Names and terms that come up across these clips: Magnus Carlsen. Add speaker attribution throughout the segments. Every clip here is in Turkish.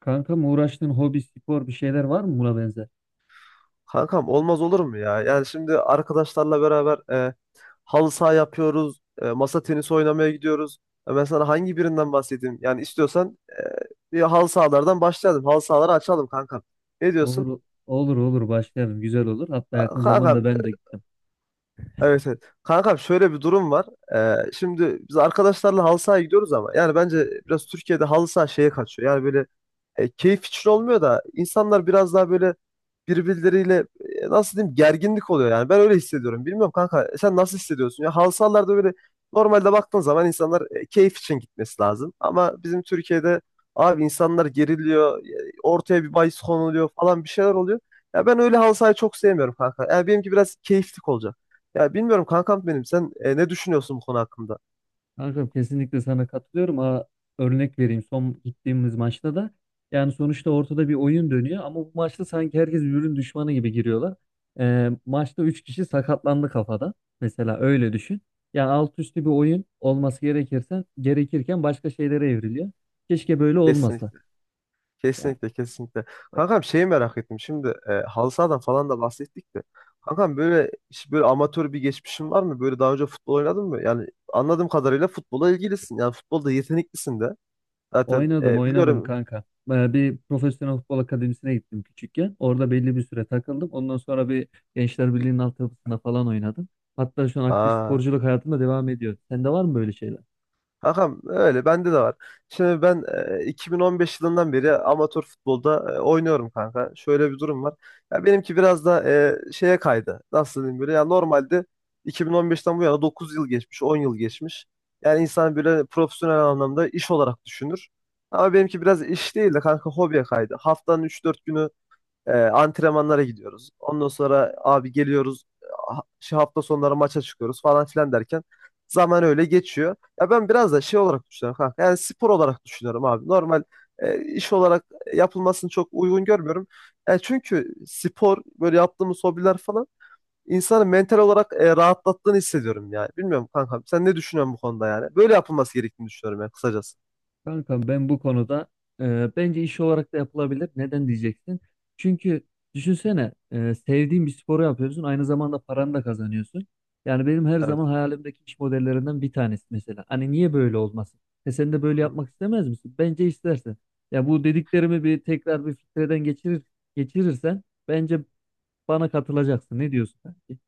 Speaker 1: Kankam uğraştığın hobi, spor bir şeyler var mı buna benzer?
Speaker 2: Kankam olmaz olur mu ya? Yani şimdi arkadaşlarla beraber halı saha yapıyoruz, masa tenisi oynamaya gidiyoruz. Ben sana hangi birinden bahsedeyim? Yani istiyorsan bir halı sahalardan başlayalım. Halı sahaları açalım kankam. Ne diyorsun?
Speaker 1: Olur, olur, olur başlayalım. Güzel olur. Hatta yakın
Speaker 2: Kankam,
Speaker 1: zamanda ben de gittim.
Speaker 2: evet evet. Kankam şöyle bir durum var. Şimdi biz arkadaşlarla halı sahaya gidiyoruz ama yani bence biraz Türkiye'de halı saha şeye kaçıyor. Yani böyle keyif için olmuyor da insanlar biraz daha böyle birbirleriyle nasıl diyeyim gerginlik oluyor yani. Ben öyle hissediyorum. Bilmiyorum kanka sen nasıl hissediyorsun? Ya halı sahalarda böyle normalde baktığın zaman insanlar keyif için gitmesi lazım. Ama bizim Türkiye'de abi insanlar geriliyor. Ortaya bir bahis konuluyor falan bir şeyler oluyor. Ya ben öyle halı sahayı çok sevmiyorum kanka. Yani benimki biraz keyiflik olacak. Ya bilmiyorum kankam benim sen ne düşünüyorsun bu konu hakkında?
Speaker 1: Kankam kesinlikle sana katılıyorum. Aa, örnek vereyim. Son gittiğimiz maçta da yani sonuçta ortada bir oyun dönüyor ama bu maçta sanki herkes birbirinin düşmanı gibi giriyorlar. Maçta 3 kişi sakatlandı kafada. Mesela öyle düşün. Yani alt üstü bir oyun olması gerekirken, başka şeylere evriliyor. Keşke böyle olmasa.
Speaker 2: Kesinlikle.
Speaker 1: Yani.
Speaker 2: Kesinlikle kesinlikle. Kankam şeyi merak ettim. Şimdi halı sahadan falan da bahsettik de. Kankam böyle hiç böyle amatör bir geçmişin var mı? Böyle daha önce futbol oynadın mı? Yani anladığım kadarıyla futbola ilgilisin. Yani futbolda yeteneklisin de. Zaten
Speaker 1: Oynadım oynadım
Speaker 2: biliyorum.
Speaker 1: kanka. Bir profesyonel futbol akademisine gittim küçükken. Orada belli bir süre takıldım. Ondan sonra bir Gençler Birliği'nin altyapısında falan oynadım. Hatta şu an aktif
Speaker 2: Aa,
Speaker 1: sporculuk hayatımda devam ediyor. Sende var mı böyle şeyler?
Speaker 2: Hakan öyle bende de var. Şimdi ben 2015 yılından beri amatör futbolda oynuyorum kanka. Şöyle bir durum var. Ya benimki biraz da şeye kaydı. Nasıl diyeyim böyle ya normalde 2015'ten bu yana 9 yıl geçmiş, 10 yıl geçmiş. Yani insan böyle profesyonel anlamda iş olarak düşünür. Ama benimki biraz iş değil de kanka hobiye kaydı. Haftanın 3 4 günü antrenmanlara gidiyoruz. Ondan sonra abi geliyoruz. Şu hafta sonları maça çıkıyoruz falan filan derken zaman öyle geçiyor. Ya ben biraz da şey olarak düşünüyorum kanka. Yani spor olarak düşünüyorum abi. Normal iş olarak yapılmasını çok uygun görmüyorum. Yani çünkü spor böyle yaptığımız hobiler falan insanı mental olarak rahatlattığını hissediyorum yani. Bilmiyorum kankam sen ne düşünüyorsun bu konuda yani? Böyle yapılması gerektiğini düşünüyorum yani kısacası.
Speaker 1: Kankam ben bu konuda bence iş olarak da yapılabilir. Neden diyeceksin? Çünkü düşünsene sevdiğin bir sporu yapıyorsun. Aynı zamanda paranı da kazanıyorsun. Yani benim her
Speaker 2: Evet.
Speaker 1: zaman hayalimdeki iş modellerinden bir tanesi mesela. Hani niye böyle olmasın? E sen de böyle yapmak istemez misin? Bence istersin. Ya bu dediklerimi bir tekrar bir filtreden geçirir, geçirirsen bence bana katılacaksın. Ne diyorsun, kanki?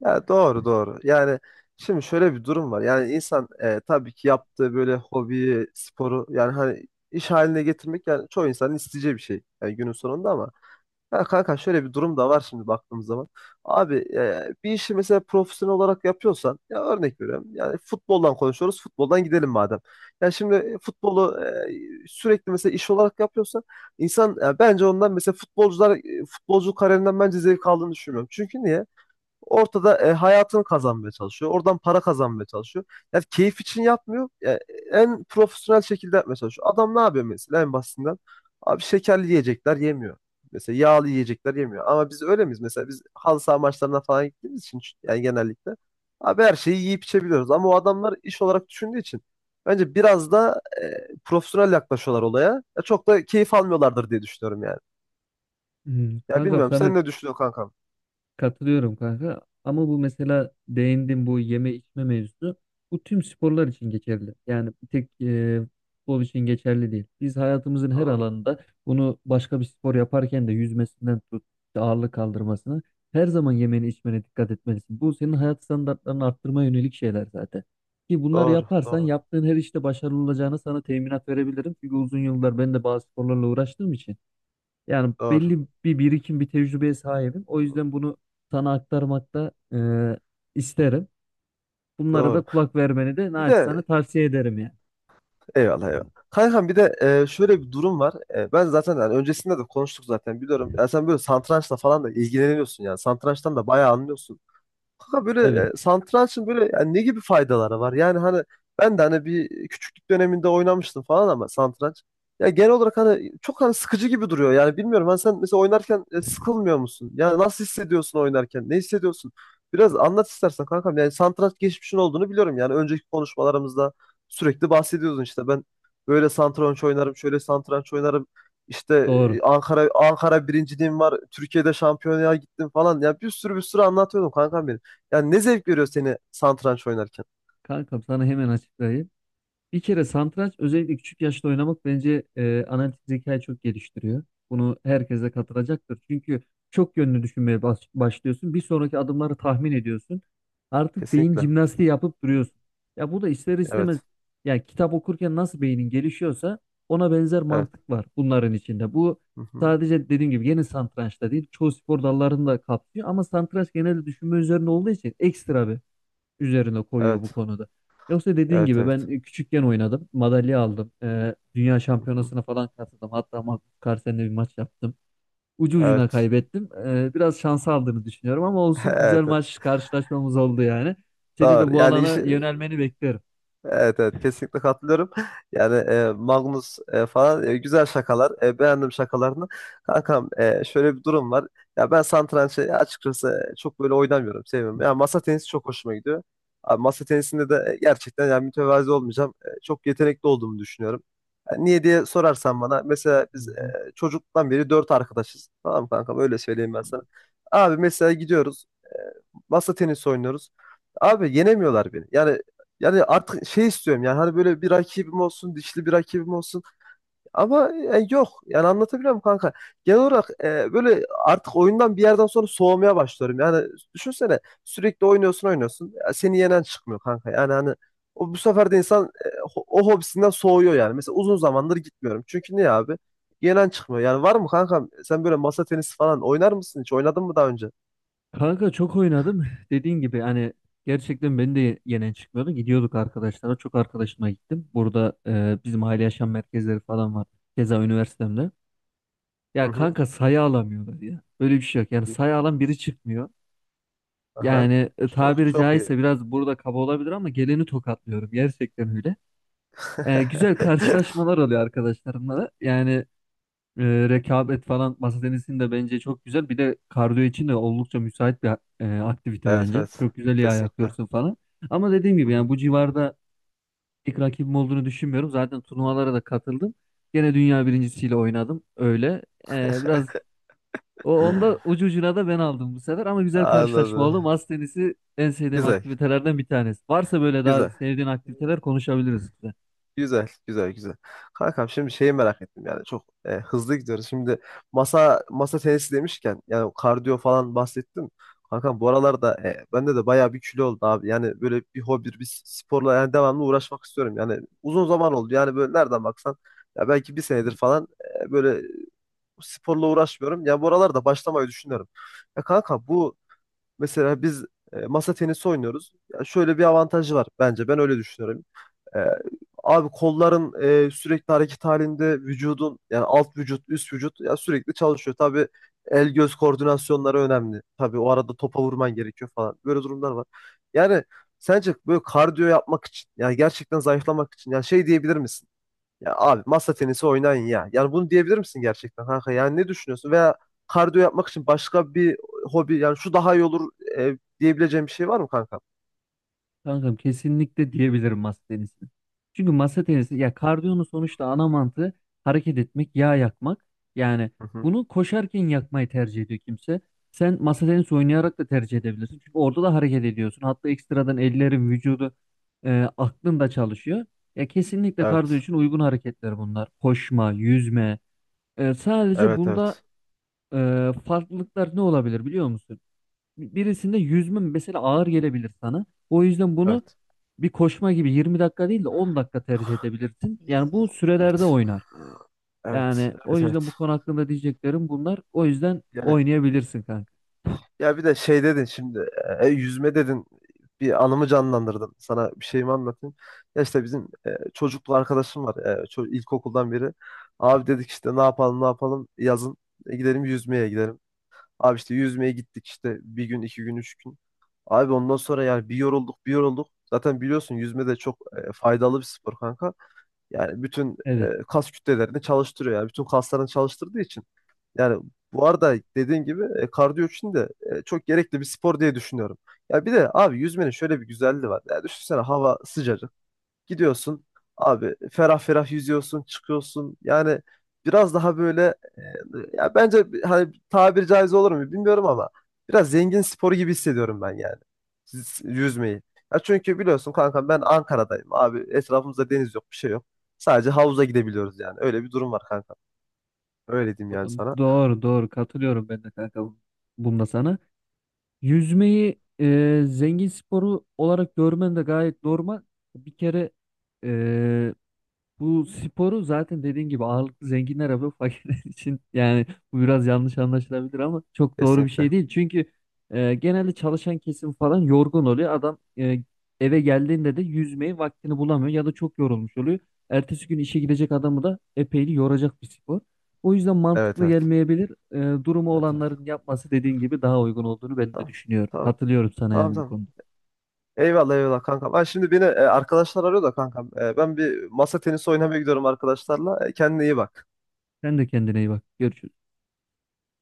Speaker 2: Ya doğru doğru. Yani şimdi şöyle bir durum var. Yani insan tabii ki yaptığı böyle hobiyi, sporu yani hani iş haline getirmek yani çoğu insanın isteyeceği bir şey. Yani günün sonunda ama ya kanka şöyle bir durum da var şimdi baktığımız zaman. Abi bir işi mesela profesyonel olarak yapıyorsan ya örnek veriyorum. Yani futboldan konuşuyoruz. Futboldan gidelim madem. Ya şimdi futbolu sürekli mesela iş olarak yapıyorsan insan ya bence ondan mesela futbolcular futbolcu kariyerinden bence zevk aldığını düşünmüyorum. Çünkü niye? Ortada hayatını kazanmaya çalışıyor. Oradan para kazanmaya çalışıyor. Yani keyif için yapmıyor. Yani en profesyonel şekilde yapmaya çalışıyor. Adam ne yapıyor mesela en basitinden? Abi şekerli yiyecekler yemiyor. Mesela yağlı yiyecekler yemiyor. Ama biz öyle miyiz? Mesela biz halı saha maçlarına falan gittiğimiz için yani genellikle abi her şeyi yiyip içebiliyoruz. Ama o adamlar iş olarak düşündüğü için bence biraz da profesyonel yaklaşıyorlar olaya. Ya çok da keyif almıyorlardır diye düşünüyorum yani.
Speaker 1: Hmm.
Speaker 2: Ya
Speaker 1: Kankam
Speaker 2: bilmiyorum
Speaker 1: sana
Speaker 2: sen ne düşünüyorsun kankam?
Speaker 1: katılıyorum kanka. Ama bu mesela değindim bu yeme içme mevzusu. Bu tüm sporlar için geçerli. Yani bir tek futbol için geçerli değil. Biz hayatımızın her
Speaker 2: Doğru,
Speaker 1: alanında bunu başka bir spor yaparken de yüzmesinden tut, işte ağırlık kaldırmasına her zaman yemeni içmene dikkat etmelisin. Bu senin hayat standartlarını arttırmaya yönelik şeyler zaten. Ki bunları
Speaker 2: doğru,
Speaker 1: yaparsan
Speaker 2: doğru,
Speaker 1: yaptığın her işte başarılı olacağını sana teminat verebilirim. Çünkü uzun yıllar ben de bazı sporlarla uğraştığım için. Yani
Speaker 2: doğru.
Speaker 1: belli bir birikim, bir tecrübeye sahibim. O yüzden bunu sana aktarmakta isterim. Bunlara da
Speaker 2: Doğru.
Speaker 1: kulak vermeni de
Speaker 2: Bir de
Speaker 1: naçizane tavsiye ederim yani.
Speaker 2: eyvallah eyvallah. Kankam bir de şöyle bir durum var. Ben zaten yani öncesinde de konuştuk zaten biliyorum. Ya sen böyle satrançla falan da ilgileniyorsun yani. Satrançtan da bayağı anlıyorsun. Kanka böyle
Speaker 1: Evet,
Speaker 2: satrançın böyle yani ne gibi faydaları var? Yani hani ben de hani bir küçüklük döneminde oynamıştım falan ama satranç. Ya genel olarak hani çok hani sıkıcı gibi duruyor. Yani bilmiyorum hani sen mesela oynarken sıkılmıyor musun? Yani nasıl hissediyorsun oynarken? Ne hissediyorsun? Biraz anlat istersen kankam. Yani satranç geçmişin olduğunu biliyorum. Yani önceki konuşmalarımızda sürekli bahsediyordun işte ben böyle satranç oynarım, şöyle satranç oynarım. İşte
Speaker 1: doğru.
Speaker 2: Ankara birinciliğim var. Türkiye'de şampiyonaya gittim falan. Ya bir sürü bir sürü anlatıyordum kankam benim. Yani ne zevk veriyor seni satranç oynarken?
Speaker 1: Kankam sana hemen açıklayayım. Bir kere satranç özellikle küçük yaşta oynamak bence analitik zekayı çok geliştiriyor. Bunu herkese de katılacaktır. Çünkü çok yönlü düşünmeye başlıyorsun. Bir sonraki adımları tahmin ediyorsun. Artık beyin
Speaker 2: Kesinlikle.
Speaker 1: jimnastiği yapıp duruyorsun. Ya bu da ister istemez
Speaker 2: Evet.
Speaker 1: yani kitap okurken nasıl beynin gelişiyorsa ona benzer
Speaker 2: Evet.
Speaker 1: mantık var bunların içinde. Bu
Speaker 2: Hı hı.
Speaker 1: sadece dediğim gibi yeni satrançta değil çoğu spor dallarını da kapsıyor ama satranç genelde düşünme üzerine olduğu için ekstra bir üzerine koyuyor bu
Speaker 2: Evet.
Speaker 1: konuda. Yoksa dediğin
Speaker 2: Evet.
Speaker 1: gibi ben
Speaker 2: Evet.
Speaker 1: küçükken oynadım. Madalya aldım. Dünya
Speaker 2: Hı hı.
Speaker 1: şampiyonasına falan katıldım. Hatta Magnus Carlsen'le bir maç yaptım. Ucu ucuna
Speaker 2: Evet.
Speaker 1: kaybettim. Biraz şans aldığını düşünüyorum ama olsun güzel
Speaker 2: Evet.
Speaker 1: maç karşılaşmamız oldu yani. Seni de
Speaker 2: Doğru.
Speaker 1: bu
Speaker 2: Yani iş
Speaker 1: alana yönelmeni beklerim.
Speaker 2: evet evet
Speaker 1: Hı
Speaker 2: kesinlikle katılıyorum. Yani Magnus falan güzel şakalar. E, beğendim şakalarını. Kankam şöyle bir durum var. Ya ben satrançı açıkçası çok böyle oynamıyorum. Sevmiyorum. Ya masa tenisi çok hoşuma gidiyor. Abi, masa tenisinde de gerçekten yani mütevazi olmayacağım. Çok yetenekli olduğumu düşünüyorum. Yani niye diye sorarsan bana mesela biz
Speaker 1: hı.
Speaker 2: çocuktan beri dört arkadaşız. Tamam kankam öyle söyleyeyim ben sana. Abi mesela gidiyoruz masa tenisi oynuyoruz. Abi yenemiyorlar beni. Yani yani artık şey istiyorum yani hani böyle bir rakibim olsun, dişli bir rakibim olsun. Ama yok. Yani anlatabiliyor muyum kanka? Genel olarak böyle artık oyundan bir yerden sonra soğumaya başlıyorum. Yani düşünsene sürekli oynuyorsun oynuyorsun. Ya seni yenen çıkmıyor kanka. Yani hani o, bu sefer de insan o hobisinden soğuyor yani. Mesela uzun zamandır gitmiyorum. Çünkü niye abi? Yenen çıkmıyor. Yani var mı kankam sen böyle masa tenisi falan oynar mısın hiç? Oynadın mı daha önce?
Speaker 1: Kanka çok oynadım. Dediğin gibi hani gerçekten beni de yenen çıkmıyordu. Gidiyorduk arkadaşlara. Çok arkadaşıma gittim. Burada bizim aile yaşam merkezleri falan var. Keza üniversitemde.
Speaker 2: Hı
Speaker 1: Ya
Speaker 2: hı.
Speaker 1: kanka sayı alamıyorlar ya. Öyle bir şey yok. Yani sayı alan biri çıkmıyor.
Speaker 2: Aha.
Speaker 1: Yani
Speaker 2: Çok
Speaker 1: tabiri
Speaker 2: çok iyi.
Speaker 1: caizse biraz burada kaba olabilir ama geleni tokatlıyorum. Gerçekten öyle. Güzel karşılaşmalar oluyor arkadaşlarımla da. Yani rekabet falan masa tenisinde bence çok güzel. Bir de kardiyo için de oldukça müsait bir aktivite
Speaker 2: Evet
Speaker 1: bence.
Speaker 2: evet.
Speaker 1: Çok güzel iyi
Speaker 2: Kesinlikle.
Speaker 1: ayaklıyorsun falan. Ama dediğim
Speaker 2: Hı
Speaker 1: gibi yani
Speaker 2: hı.
Speaker 1: bu civarda ilk rakibim olduğunu düşünmüyorum. Zaten turnuvalara da katıldım. Gene dünya birincisiyle oynadım. Öyle. E, biraz O onda ucu ucuna da ben aldım bu sefer ama güzel karşılaşma
Speaker 2: Anladım.
Speaker 1: oldu. Masa tenisi en sevdiğim
Speaker 2: Güzel.
Speaker 1: aktivitelerden bir tanesi. Varsa böyle daha
Speaker 2: Güzel.
Speaker 1: sevdiğin aktiviteler konuşabiliriz.
Speaker 2: Güzel, güzel, güzel. Kankam şimdi şeyi merak ettim yani çok hızlı gidiyoruz. Şimdi masa tenisi demişken yani kardiyo falan bahsettim. Kankam bu aralarda bende de bayağı bir kilo oldu abi. Yani böyle bir hobi, bir sporla yani devamlı uğraşmak istiyorum. Yani uzun zaman oldu. Yani böyle nereden baksan ya belki bir senedir falan böyle sporla uğraşmıyorum. Ya bu aralarda başlamayı düşünüyorum. Ya kanka bu mesela biz masa tenisi oynuyoruz. Ya şöyle bir avantajı var bence. Ben öyle düşünüyorum. E, abi kolların sürekli hareket halinde vücudun yani alt vücut, üst vücut ya sürekli çalışıyor. Tabii el göz koordinasyonları önemli. Tabii o arada topa vurman gerekiyor falan. Böyle durumlar var. Yani sence böyle kardiyo yapmak için yani gerçekten zayıflamak için yani şey diyebilir misin? Ya abi masa tenisi oynayın ya. Yani bunu diyebilir misin gerçekten kanka? Yani ne düşünüyorsun? Veya kardiyo yapmak için başka bir hobi yani şu daha iyi olur diyebileceğim bir şey var mı kanka?
Speaker 1: Kankam kesinlikle diyebilirim masa tenisini. Çünkü masa tenisi ya kardiyonun sonuçta ana mantığı hareket etmek, yağ yakmak. Yani
Speaker 2: Hı hı.
Speaker 1: bunu koşarken yakmayı tercih ediyor kimse. Sen masa tenisi oynayarak da tercih edebilirsin. Çünkü orada da hareket ediyorsun. Hatta ekstradan ellerin, vücudu, aklın da çalışıyor. Ya kesinlikle kardiyo
Speaker 2: Evet.
Speaker 1: için uygun hareketler bunlar. Koşma, yüzme. Sadece
Speaker 2: Evet
Speaker 1: bunda
Speaker 2: evet.
Speaker 1: farklılıklar ne olabilir biliyor musun? Birisinde yüzme mesela ağır gelebilir sana. O yüzden bunu
Speaker 2: Evet.
Speaker 1: bir koşma gibi 20 dakika değil de 10 dakika tercih edebilirsin. Yani bu sürelerde
Speaker 2: Evet.
Speaker 1: oynar.
Speaker 2: Evet.
Speaker 1: Yani o
Speaker 2: Evet
Speaker 1: yüzden bu
Speaker 2: evet.
Speaker 1: konu hakkında diyeceklerim bunlar. O yüzden
Speaker 2: Yani,
Speaker 1: oynayabilirsin kanka.
Speaker 2: ya bir de şey dedin şimdi yüzme dedin bir anımı canlandırdın. Sana bir şeyimi anlatayım. Ya işte bizim çocuklu arkadaşım var. İlkokuldan beri. Abi dedik işte ne yapalım ne yapalım yazın gidelim yüzmeye gidelim. Abi işte yüzmeye gittik işte bir gün, 2 gün, 3 gün. Abi ondan sonra yani bir yorulduk, bir yorulduk. Zaten biliyorsun yüzme de çok faydalı bir spor kanka. Yani bütün
Speaker 1: Evet.
Speaker 2: kas kütlelerini çalıştırıyor yani. Bütün kaslarını çalıştırdığı için. Yani bu arada dediğin gibi kardiyo için de çok gerekli bir spor diye düşünüyorum. Ya bir de abi yüzmenin şöyle bir güzelliği var. Ya düşünsene hava sıcacık. Gidiyorsun abi ferah ferah yüzüyorsun, çıkıyorsun. Yani biraz daha böyle ya bence hani tabiri caiz olur mu bilmiyorum ama biraz zengin sporu gibi hissediyorum ben yani yüzmeyi. Ya çünkü biliyorsun kankam ben Ankara'dayım abi etrafımızda deniz yok bir şey yok. Sadece havuza gidebiliyoruz yani. Öyle bir durum var kankam. Öyle diyeyim yani sana.
Speaker 1: Doğru doğru katılıyorum ben de kanka bunda sana. Yüzmeyi zengin sporu olarak görmen de gayet normal. Bir kere e, bu sporu zaten dediğin gibi ağırlıklı zenginler yapıyor fakirler için yani bu biraz yanlış anlaşılabilir ama çok doğru bir şey
Speaker 2: Kesinlikle.
Speaker 1: değil. Çünkü genelde çalışan kesim falan yorgun oluyor. Adam e, eve geldiğinde de yüzmeyi vaktini bulamıyor ya da çok yorulmuş oluyor. Ertesi gün işe gidecek adamı da epeyli yoracak bir spor. O yüzden
Speaker 2: Evet
Speaker 1: mantıklı
Speaker 2: evet.
Speaker 1: gelmeyebilir. Durumu
Speaker 2: Evet evet.
Speaker 1: olanların yapması dediğin gibi daha uygun olduğunu ben de
Speaker 2: Tamam.
Speaker 1: düşünüyorum.
Speaker 2: Tamam.
Speaker 1: Katılıyorum sana
Speaker 2: Tamam
Speaker 1: yani bu
Speaker 2: tamam.
Speaker 1: konuda.
Speaker 2: Eyvallah eyvallah kankam. Ha, şimdi beni arkadaşlar arıyor da kankam. Ben bir masa tenisi oynamaya gidiyorum arkadaşlarla. Kendine iyi bak.
Speaker 1: Sen de kendine iyi bak. Görüşürüz.